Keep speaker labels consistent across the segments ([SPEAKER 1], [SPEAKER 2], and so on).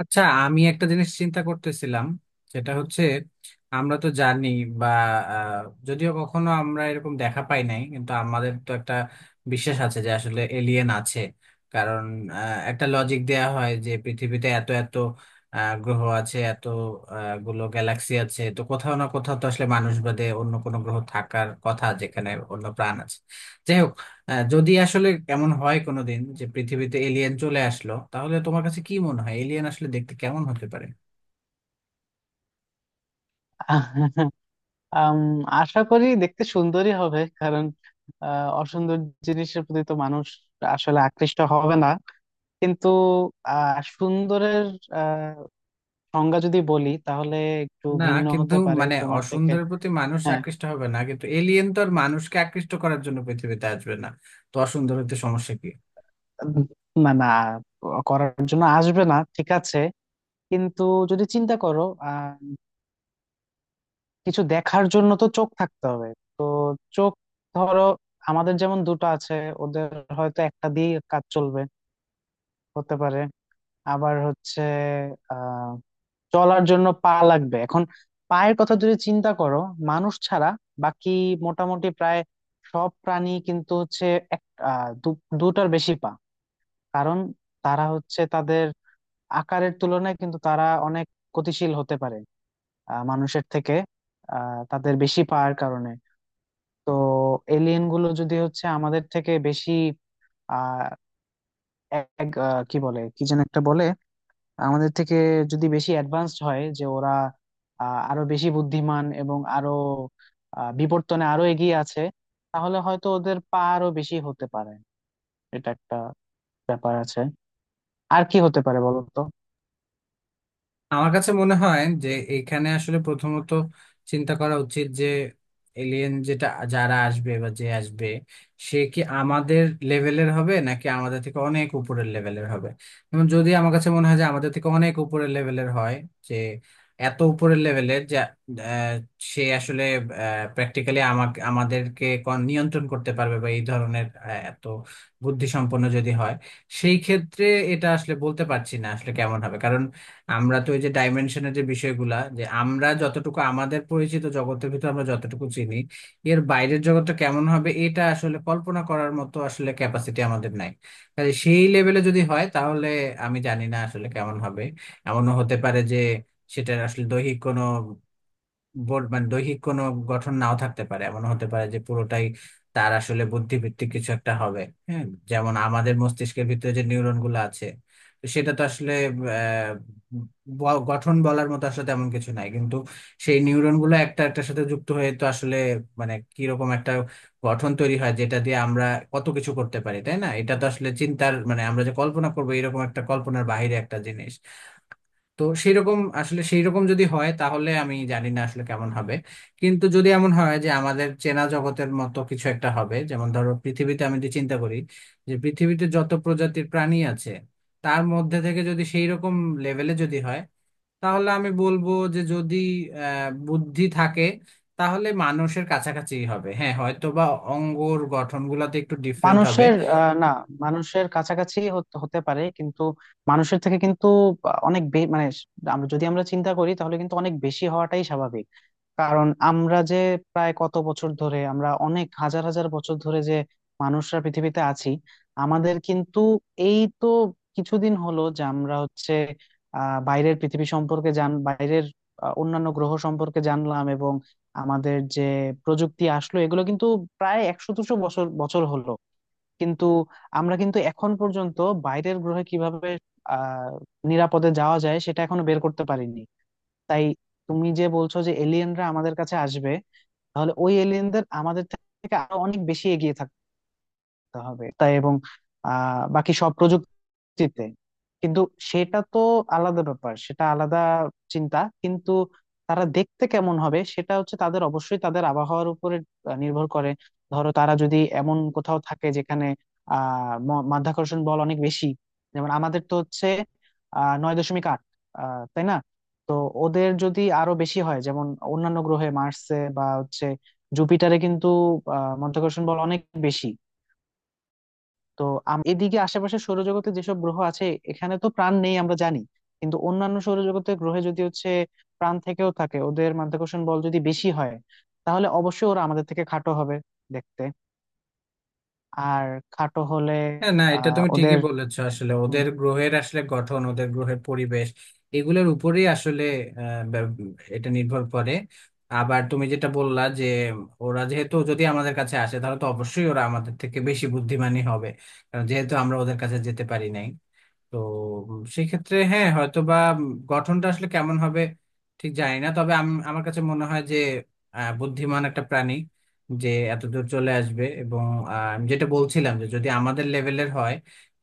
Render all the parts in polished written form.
[SPEAKER 1] আচ্ছা, আমি একটা জিনিস চিন্তা করতেছিলাম। সেটা হচ্ছে আমরা তো জানি বা আহ, যদিও কখনো আমরা এরকম দেখা পাই নাই, কিন্তু আমাদের তো একটা বিশ্বাস আছে যে আসলে এলিয়েন আছে। কারণ একটা লজিক দেয়া হয় যে পৃথিবীতে এত এত গ্রহ আছে, এত গুলো গ্যালাক্সি আছে, তো কোথাও না কোথাও তো আসলে মানুষ বাদে অন্য কোনো গ্রহ থাকার কথা যেখানে অন্য প্রাণ আছে। যাই হোক, হ্যাঁ, যদি আসলে এমন হয় কোনোদিন যে পৃথিবীতে এলিয়েন চলে আসলো, তাহলে তোমার কাছে কি মনে হয় এলিয়েন আসলে দেখতে কেমন হতে পারে?
[SPEAKER 2] আম, আশা করি দেখতে সুন্দরই হবে, কারণ অসুন্দর জিনিসের প্রতি তো মানুষ আসলে আকৃষ্ট হবে না। কিন্তু সুন্দরের আহ, সংজ্ঞা যদি বলি তাহলে একটু
[SPEAKER 1] না,
[SPEAKER 2] ভিন্ন
[SPEAKER 1] কিন্তু
[SPEAKER 2] হতে পারে
[SPEAKER 1] মানে
[SPEAKER 2] তোমার থেকে।
[SPEAKER 1] অসুন্দরের প্রতি মানুষ
[SPEAKER 2] হ্যাঁ,
[SPEAKER 1] আকৃষ্ট হবে না, কিন্তু এলিয়েন তো আর মানুষকে আকৃষ্ট করার জন্য পৃথিবীতে আসবে না। তো অসুন্দর হতে সমস্যা কি?
[SPEAKER 2] না, না, করার জন্য আসবে না ঠিক আছে, কিন্তু যদি চিন্তা করো আহ কিছু দেখার জন্য তো চোখ থাকতে হবে। তো চোখ, ধরো আমাদের যেমন দুটো আছে, ওদের হয়তো একটা দিয়ে কাজ চলবে, হতে পারে। আবার হচ্ছে আহ চলার জন্য পা লাগবে। এখন পায়ের কথা যদি চিন্তা করো, মানুষ ছাড়া বাকি মোটামুটি প্রায় সব প্রাণী কিন্তু হচ্ছে এক দুটার বেশি পা, কারণ তারা হচ্ছে তাদের আকারের তুলনায় কিন্তু তারা অনেক গতিশীল হতে পারে মানুষের থেকে, তাদের বেশি পাওয়ার কারণে। তো এলিয়েন গুলো যদি হচ্ছে আমাদের থেকে বেশি আহ এক, কি বলে, কি যেন একটা বলে, আমাদের থেকে যদি বেশি অ্যাডভান্সড হয়, যে ওরা আরো বেশি বুদ্ধিমান এবং আরো বিবর্তনে আরো এগিয়ে আছে, তাহলে হয়তো ওদের পা আরো বেশি হতে পারে। এটা একটা ব্যাপার আছে। আর কি হতে পারে বলো তো?
[SPEAKER 1] আমার কাছে মনে হয় যে এখানে আসলে প্রথমত চিন্তা করা উচিত যে এলিয়েন যেটা, যারা আসবে বা যে আসবে, সে কি আমাদের লেভেলের হবে নাকি আমাদের থেকে অনেক উপরের লেভেলের হবে। যেমন, যদি আমার কাছে মনে হয় যে আমাদের থেকে অনেক উপরের লেভেলের হয়, যে এত উপরের লেভেলের যে সে আসলে প্র্যাকটিক্যালি আমাকে, আমাদেরকে নিয়ন্ত্রণ করতে পারবে বা এই ধরনের, এত বুদ্ধিসম্পন্ন যদি হয়, সেই ক্ষেত্রে এটা আসলে বলতে পারছি না আসলে কেমন হবে। আমরা তো ওই যে ডাইমেনশনের যে বিষয়গুলা, যে আমরা যতটুকু আমাদের পরিচিত জগতের ভিতর আমরা যতটুকু চিনি, এর বাইরের জগৎটা কেমন হবে এটা আসলে কল্পনা করার মতো আসলে ক্যাপাসিটি আমাদের নাই। কাজে সেই লেভেলে যদি হয় তাহলে আমি জানি না আসলে কেমন হবে। এমনও হতে পারে যে সেটার আসলে দৈহিক কোনো বোর্ড, মানে দৈহিক কোনো গঠন নাও থাকতে পারে, এমন হতে পারে যে পুরোটাই তার আসলে বুদ্ধিভিত্তিক কিছু একটা হবে। হ্যাঁ, যেমন আমাদের মস্তিষ্কের ভিতরে যে নিউরন গুলো আছে, তো সেটা তো আসলে আহ, গঠন বলার মতো আসলে তেমন কিছু নাই, কিন্তু সেই নিউরন গুলো একটা একটার সাথে যুক্ত হয়ে তো আসলে মানে কিরকম একটা গঠন তৈরি হয় যেটা দিয়ে আমরা কত কিছু করতে পারি, তাই না? এটা তো আসলে চিন্তার, মানে আমরা যে কল্পনা করবো এরকম একটা কল্পনার বাইরে একটা জিনিস। তো সেইরকম আসলে, সেইরকম যদি হয় তাহলে আমি জানি না আসলে কেমন হবে। কিন্তু যদি এমন হয় যে আমাদের চেনা জগতের মতো কিছু একটা হবে, যেমন ধরো পৃথিবীতে আমি যদি চিন্তা করি যে পৃথিবীতে যত প্রজাতির প্রাণী আছে তার মধ্যে থেকে যদি সেই রকম লেভেলে যদি হয়, তাহলে আমি বলবো যে যদি বুদ্ধি থাকে তাহলে মানুষের কাছাকাছি হবে। হ্যাঁ, হয়তো বা অঙ্গর গঠনগুলোতে একটু ডিফারেন্ট হবে।
[SPEAKER 2] মানুষের না, মানুষের কাছাকাছি হতে হতে পারে, কিন্তু মানুষের থেকে কিন্তু অনেক মানে আমরা যদি আমরা চিন্তা করি তাহলে কিন্তু অনেক বেশি হওয়াটাই স্বাভাবিক। কারণ আমরা যে প্রায় কত বছর ধরে, আমরা অনেক হাজার হাজার বছর ধরে যে মানুষরা পৃথিবীতে আছি, আমাদের কিন্তু এই তো কিছুদিন হলো যে আমরা হচ্ছে বাইরের পৃথিবী সম্পর্কে জান বাইরের অন্যান্য গ্রহ সম্পর্কে জানলাম, এবং আমাদের যে প্রযুক্তি আসলো এগুলো কিন্তু প্রায় 100-200 বছর বছর হলো। কিন্তু আমরা কিন্তু এখন পর্যন্ত বাইরের গ্রহে কিভাবে আহ নিরাপদে যাওয়া যায় সেটা এখনো বের করতে পারিনি। তাই তুমি যে বলছো যে এলিয়েনরা আমাদের কাছে আসবে, তাহলে ওই এলিয়েনদের আমাদের থেকে আরো অনেক বেশি এগিয়ে থাকতে হবে তাই, এবং বাকি সব প্রযুক্তি চিতে। কিন্তু সেটা তো আলাদা ব্যাপার, সেটা আলাদা চিন্তা। কিন্তু তারা দেখতে কেমন হবে সেটা হচ্ছে, তাদের অবশ্যই তাদের আবহাওয়ার উপরে নির্ভর করে। ধরো তারা যদি এমন কোথাও থাকে যেখানে মাধ্যাকর্ষণ বল অনেক বেশি। যেমন আমাদের তো হচ্ছে 9.8, তাই না? তো ওদের যদি আরো বেশি হয়, যেমন অন্যান্য গ্রহে মার্সে বা হচ্ছে জুপিটারে কিন্তু মাধ্যাকর্ষণ বল অনেক বেশি। তো এদিকে আশেপাশে সৌরজগতে যেসব গ্রহ আছে, এখানে তো প্রাণ নেই আমরা জানি, কিন্তু অন্যান্য সৌরজগতের গ্রহে যদি হচ্ছে প্রাণ থেকেও থাকে, ওদের মাধ্যাকর্ষণ বল যদি বেশি হয়, তাহলে অবশ্যই ওরা আমাদের থেকে খাটো হবে দেখতে। আর খাটো হলে
[SPEAKER 1] হ্যাঁ, না, এটা তুমি ঠিকই
[SPEAKER 2] ওদের
[SPEAKER 1] বলেছো, আসলে
[SPEAKER 2] উম,
[SPEAKER 1] ওদের গ্রহের আসলে গঠন, ওদের গ্রহের পরিবেশ এগুলোর উপরেই আসলে আহ, ব্যব- এটা নির্ভর করে। আবার তুমি যেটা বললা যে ওরা যেহেতু যদি আমাদের কাছে আসে তাহলে তো অবশ্যই ওরা আমাদের থেকে বেশি বুদ্ধিমানী হবে, কারণ যেহেতু আমরা ওদের কাছে যেতে পারি নাই। তো সেক্ষেত্রে হ্যাঁ হয়তো বা গঠনটা আসলে কেমন হবে ঠিক জানি না, তবে আমি, আমার কাছে মনে হয় যে বুদ্ধিমান একটা প্রাণী যে এত দূর চলে আসবে এবং আমি যেটা বলছিলাম যে যদি আমাদের লেভেলের হয়,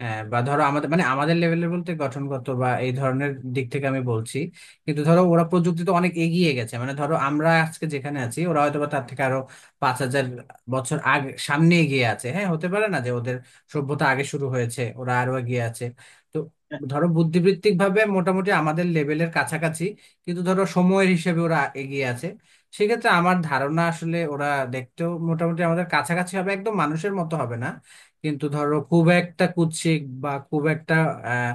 [SPEAKER 1] বা ধরো আমাদের মানে আমাদের লেভেলের বলতে গঠনগত বা এই ধরনের দিক থেকে আমি বলছি, কিন্তু ধরো ওরা প্রযুক্তিতে অনেক এগিয়ে গেছে, মানে ধরো আমরা আজকে যেখানে আছি ওরা হয়তো বা তার থেকে আরো 5,000 বছর আগে, সামনে এগিয়ে আছে। হ্যাঁ, হতে পারে না যে ওদের সভ্যতা আগে শুরু হয়েছে, ওরা আরো এগিয়ে আছে। তো ধরো বুদ্ধিবৃত্তিক ভাবে মোটামুটি আমাদের লেভেলের কাছাকাছি, কিন্তু ধরো সময়ের হিসেবে ওরা এগিয়ে আছে, সেক্ষেত্রে আমার ধারণা আসলে ওরা দেখতেও মোটামুটি আমাদের কাছাকাছি হবে, একদম মানুষের মতো হবে না, কিন্তু ধরো খুব একটা কুৎসিক বা খুব একটা আহ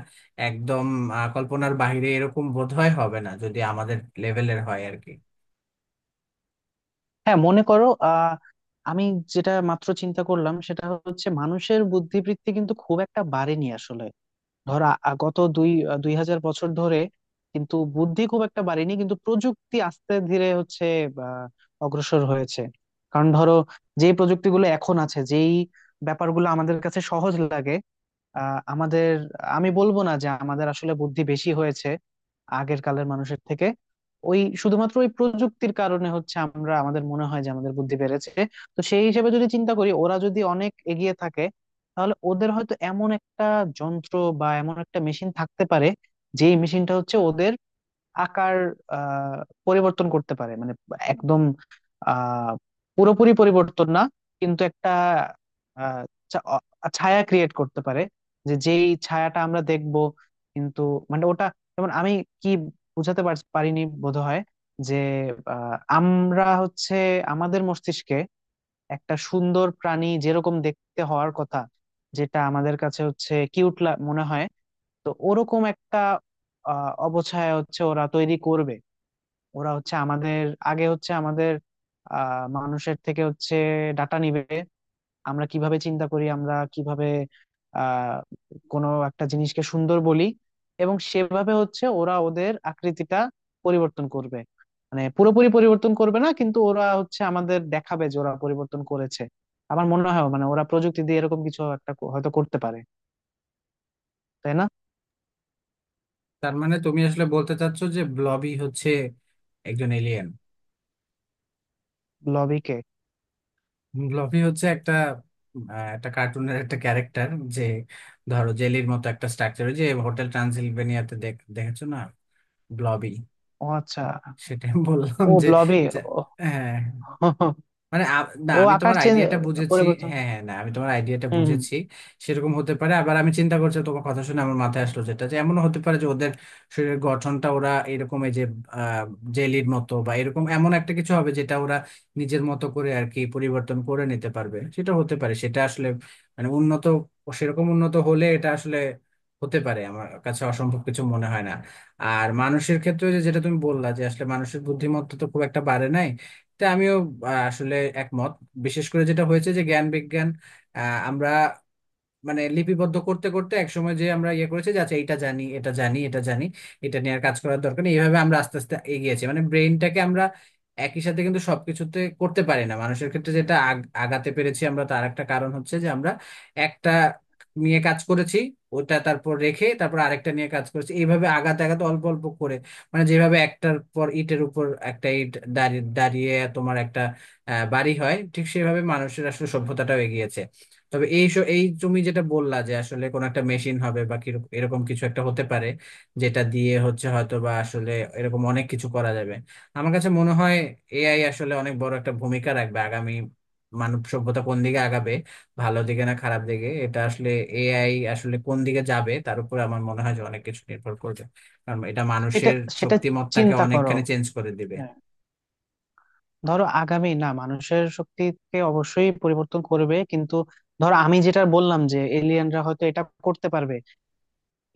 [SPEAKER 1] একদম কল্পনার বাইরে এরকম বোধহয় হবে না, যদি আমাদের লেভেলের হয় আর কি।
[SPEAKER 2] হ্যাঁ, মনে করো আমি যেটা মাত্র চিন্তা করলাম সেটা হচ্ছে মানুষের বুদ্ধিবৃত্তি কিন্তু খুব একটা বাড়েনি আসলে। ধর গত দুই 2000 বছর ধরে কিন্তু বুদ্ধি খুব একটা বাড়েনি, কিন্তু প্রযুক্তি আস্তে ধীরে হচ্ছে আহ, অগ্রসর হয়েছে। কারণ ধরো যে প্রযুক্তিগুলো এখন আছে, যেই ব্যাপারগুলো আমাদের কাছে সহজ লাগে, আমাদের, আমি বলবো না যে আমাদের আসলে বুদ্ধি বেশি হয়েছে আগের কালের মানুষের থেকে। ওই শুধুমাত্র ওই প্রযুক্তির কারণে হচ্ছে আমরা, আমাদের মনে হয় যে আমাদের বুদ্ধি বেড়েছে। তো সেই হিসেবে যদি চিন্তা করি, ওরা যদি অনেক এগিয়ে থাকে তাহলে ওদের হয়তো এমন একটা যন্ত্র বা এমন একটা মেশিন থাকতে পারে, যেই মেশিনটা হচ্ছে ওদের আকার আহ পরিবর্তন করতে পারে। মানে একদম আহ পুরোপুরি পরিবর্তন না, কিন্তু একটা আহ ছা- অ- ছায়া ক্রিয়েট করতে পারে, যে যেই ছায়াটা আমরা দেখব। কিন্তু মানে ওটা, যেমন আমি কি বুঝাতে পারিনি বোধহয়, যে আমরা হচ্ছে আমাদের মস্তিষ্কে একটা সুন্দর প্রাণী যেরকম দেখতে হওয়ার কথা, যেটা আমাদের কাছে হচ্ছে কিউট মনে হয়, তো ওরকম একটা অবছায়া হচ্ছে ওরা তৈরি করবে। ওরা হচ্ছে আমাদের আগে, হচ্ছে আমাদের মানুষের থেকে হচ্ছে ডাটা নিবে, আমরা কিভাবে চিন্তা করি, আমরা কিভাবে আহ কোনো একটা জিনিসকে সুন্দর বলি, এবং সেভাবে হচ্ছে ওরা ওদের আকৃতিটা পরিবর্তন করবে। মানে পুরোপুরি পরিবর্তন করবে না, কিন্তু ওরা হচ্ছে আমাদের দেখাবে যে ওরা পরিবর্তন করেছে। আমার মনে হয় মানে ওরা প্রযুক্তি দিয়ে এরকম কিছু একটা হয়তো করতে পারে, তাই না?
[SPEAKER 1] তার মানে তুমি আসলে বলতে চাচ্ছো যে ব্লবি হচ্ছে একজন এলিয়েন।
[SPEAKER 2] লবিকে।
[SPEAKER 1] ব্লবি হচ্ছে একটা একটা কার্টুনের একটা ক্যারেক্টার, যে ধরো জেলির মতো একটা স্ট্রাকচার, যে হোটেল ট্রান্সিলভেনিয়াতে দেখেছো না, ব্লবি।
[SPEAKER 2] ও আচ্ছা।
[SPEAKER 1] সেটাই বললাম
[SPEAKER 2] ও
[SPEAKER 1] যে
[SPEAKER 2] ব্লবে।
[SPEAKER 1] যে-
[SPEAKER 2] ও।
[SPEAKER 1] হ্যাঁ। মানে না,
[SPEAKER 2] ও
[SPEAKER 1] আমি
[SPEAKER 2] আকার
[SPEAKER 1] তোমার
[SPEAKER 2] চেন
[SPEAKER 1] আইডিয়াটা বুঝেছি।
[SPEAKER 2] পরিবর্তন।
[SPEAKER 1] হ্যাঁ হ্যাঁ, না, আমি তোমার আইডিয়াটা
[SPEAKER 2] হুম, হুম।
[SPEAKER 1] বুঝেছি। সেরকম হতে পারে, আবার আমি চিন্তা করছি তোমার কথা শুনে আমার মাথায় আসলো যেটা, যে এমন হতে পারে যে ওদের শরীরের গঠনটা ওরা এরকম, এই যে জেলির মতো বা এরকম এমন একটা কিছু হবে যেটা ওরা নিজের মতো করে আর কি পরিবর্তন করে নিতে পারবে। সেটা হতে পারে, সেটা আসলে মানে উন্নত, সেরকম উন্নত হলে এটা আসলে হতে পারে, আমার কাছে অসম্ভব কিছু মনে হয় না। আর মানুষের ক্ষেত্রে ওই যে যেটা তুমি বললা যে আসলে মানুষের বুদ্ধিমত্তা তো খুব একটা বাড়ে নাই, তা আমিও আসলে একমত। বিশেষ করে যেটা হয়েছে যে জ্ঞান বিজ্ঞান আমরা মানে লিপিবদ্ধ করতে করতে একসময় যে আমরা ইয়ে করেছি যে আচ্ছা, এটা জানি, এটা জানি, এটা জানি, এটা নিয়ে আর কাজ করার দরকার নেই, এইভাবে আমরা আস্তে আস্তে এগিয়েছি। মানে ব্রেইনটাকে আমরা একই সাথে কিন্তু সবকিছুতে করতে পারি না, মানুষের ক্ষেত্রে যেটা আগাতে পেরেছি আমরা, তার একটা কারণ হচ্ছে যে আমরা একটা নিয়ে কাজ করেছি, ওটা তারপর রেখে তারপর আরেকটা নিয়ে কাজ করেছি, এইভাবে আগাতে আগাতে অল্প অল্প করে, মানে যেভাবে একটার পর ইটের উপর একটা ইট দাঁড়িয়ে দাঁড়িয়ে তোমার একটা বাড়ি হয়, ঠিক সেভাবে মানুষের আসলে সভ্যতাটাও এগিয়েছে। তবে এই এই তুমি যেটা বললা যে আসলে কোন একটা মেশিন হবে বা এরকম কিছু একটা হতে পারে যেটা দিয়ে হচ্ছে হয়তো বা আসলে এরকম অনেক কিছু করা যাবে, আমার কাছে মনে হয় এআই আসলে অনেক বড় একটা ভূমিকা রাখবে আগামী। মানব সভ্যতা কোন দিকে আগাবে, ভালো দিকে না খারাপ দিকে, এটা আসলে এআই আসলে কোন দিকে যাবে তার উপর আমার মনে হয় যে অনেক কিছু নির্ভর করবে। কারণ এটা
[SPEAKER 2] সেটা
[SPEAKER 1] মানুষের
[SPEAKER 2] সেটা
[SPEAKER 1] শক্তিমত্তাকে
[SPEAKER 2] চিন্তা করো।
[SPEAKER 1] অনেকখানি চেঞ্জ করে দিবে।
[SPEAKER 2] হ্যাঁ, ধরো আগামী, না, মানুষের শক্তিকে অবশ্যই পরিবর্তন করবে, কিন্তু ধরো আমি যেটা বললাম যে এলিয়েনরা হয়তো এটা করতে পারবে,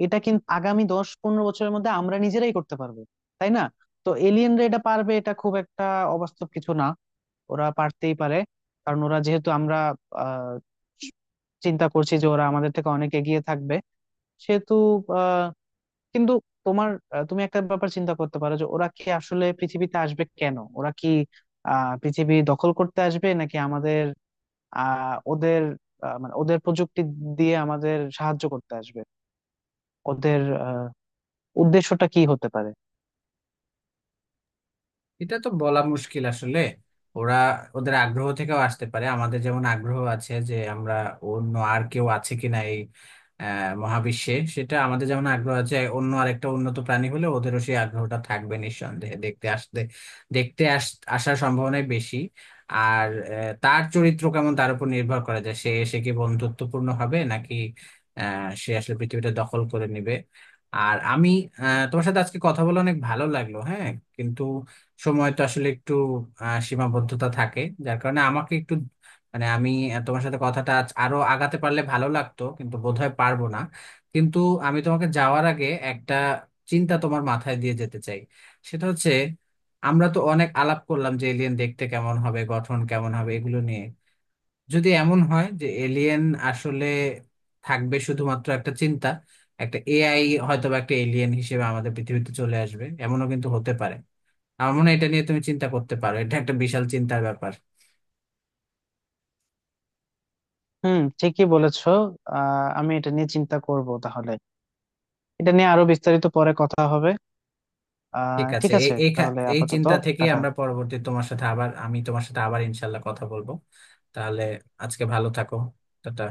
[SPEAKER 2] এটা কিন্তু আগামী 10-15 বছরের মধ্যে আমরা নিজেরাই করতে পারবো, তাই না? তো এলিয়েনরা এটা পারবে, এটা খুব একটা অবাস্তব কিছু না। ওরা পারতেই পারে, কারণ ওরা যেহেতু, আমরা আহ চিন্তা করছি যে ওরা আমাদের থেকে অনেক এগিয়ে থাকবে সেহেতু। কিন্তু তুমি একটা ব্যাপার চিন্তা করতে পারো, যে ওরা কি আসলে পৃথিবীতে আসবে কেন? ওরা কি পৃথিবী দখল করতে আসবে, নাকি আমাদের ওদের, মানে ওদের প্রযুক্তি দিয়ে আমাদের সাহায্য করতে আসবে? ওদের আহ উদ্দেশ্যটা কি হতে পারে?
[SPEAKER 1] এটা তো বলা মুশকিল আসলে। ওরা ওদের আগ্রহ থেকেও আসতে পারে, আমাদের যেমন আগ্রহ আছে যে আমরা অন্য আর কেউ আছে কিনা এই মহাবিশ্বে, সেটা আমাদের যেমন আগ্রহ আছে, অন্য আরেকটা উন্নত প্রাণী হলে ওদেরও সেই আগ্রহটা থাকবে নিঃসন্দেহে দেখতে আসতে, দেখতে আস আসার সম্ভাবনাই বেশি। আর তার চরিত্র কেমন তার উপর নির্ভর করা যায় সে এসে কি বন্ধুত্বপূর্ণ হবে নাকি সে আসলে পৃথিবীটা দখল করে নেবে। আর আমি তোমার সাথে আজকে কথা বলে অনেক ভালো লাগলো। হ্যাঁ, কিন্তু সময়টা আসলে একটু সীমাবদ্ধতা থাকে যার কারণে আমাকে একটু, মানে আমি তোমার সাথে কথাটা আজ আরো আগাতে পারলে ভালো লাগতো, কিন্তু বোধহয় পারবো না। কিন্তু আমি তোমাকে যাওয়ার আগে একটা চিন্তা তোমার মাথায় দিয়ে যেতে চাই। সেটা হচ্ছে আমরা তো অনেক আলাপ করলাম যে এলিয়েন দেখতে কেমন হবে, গঠন কেমন হবে, এগুলো নিয়ে। যদি এমন হয় যে এলিয়েন আসলে থাকবে শুধুমাত্র একটা চিন্তা, একটা এআই হয়তো বা একটা এলিয়েন হিসেবে আমাদের পৃথিবীতে চলে আসবে, এমনও কিন্তু হতে পারে। আমার মনে হয় এটা নিয়ে তুমি চিন্তা করতে পারো, এটা একটা বিশাল চিন্তার ব্যাপার।
[SPEAKER 2] হুম, ঠিকই বলেছো। আমি এটা নিয়ে চিন্তা করব তাহলে, এটা নিয়ে আরো বিস্তারিত পরে কথা হবে।
[SPEAKER 1] ঠিক আছে,
[SPEAKER 2] ঠিক
[SPEAKER 1] এই
[SPEAKER 2] আছে
[SPEAKER 1] এই
[SPEAKER 2] তাহলে,
[SPEAKER 1] এই
[SPEAKER 2] আপাতত
[SPEAKER 1] চিন্তা থেকে
[SPEAKER 2] টাটা।
[SPEAKER 1] আমরা পরবর্তী, তোমার সাথে আবার আমি তোমার সাথে আবার ইনশাল্লাহ কথা বলবো তাহলে। আজকে ভালো থাকো। টাটা।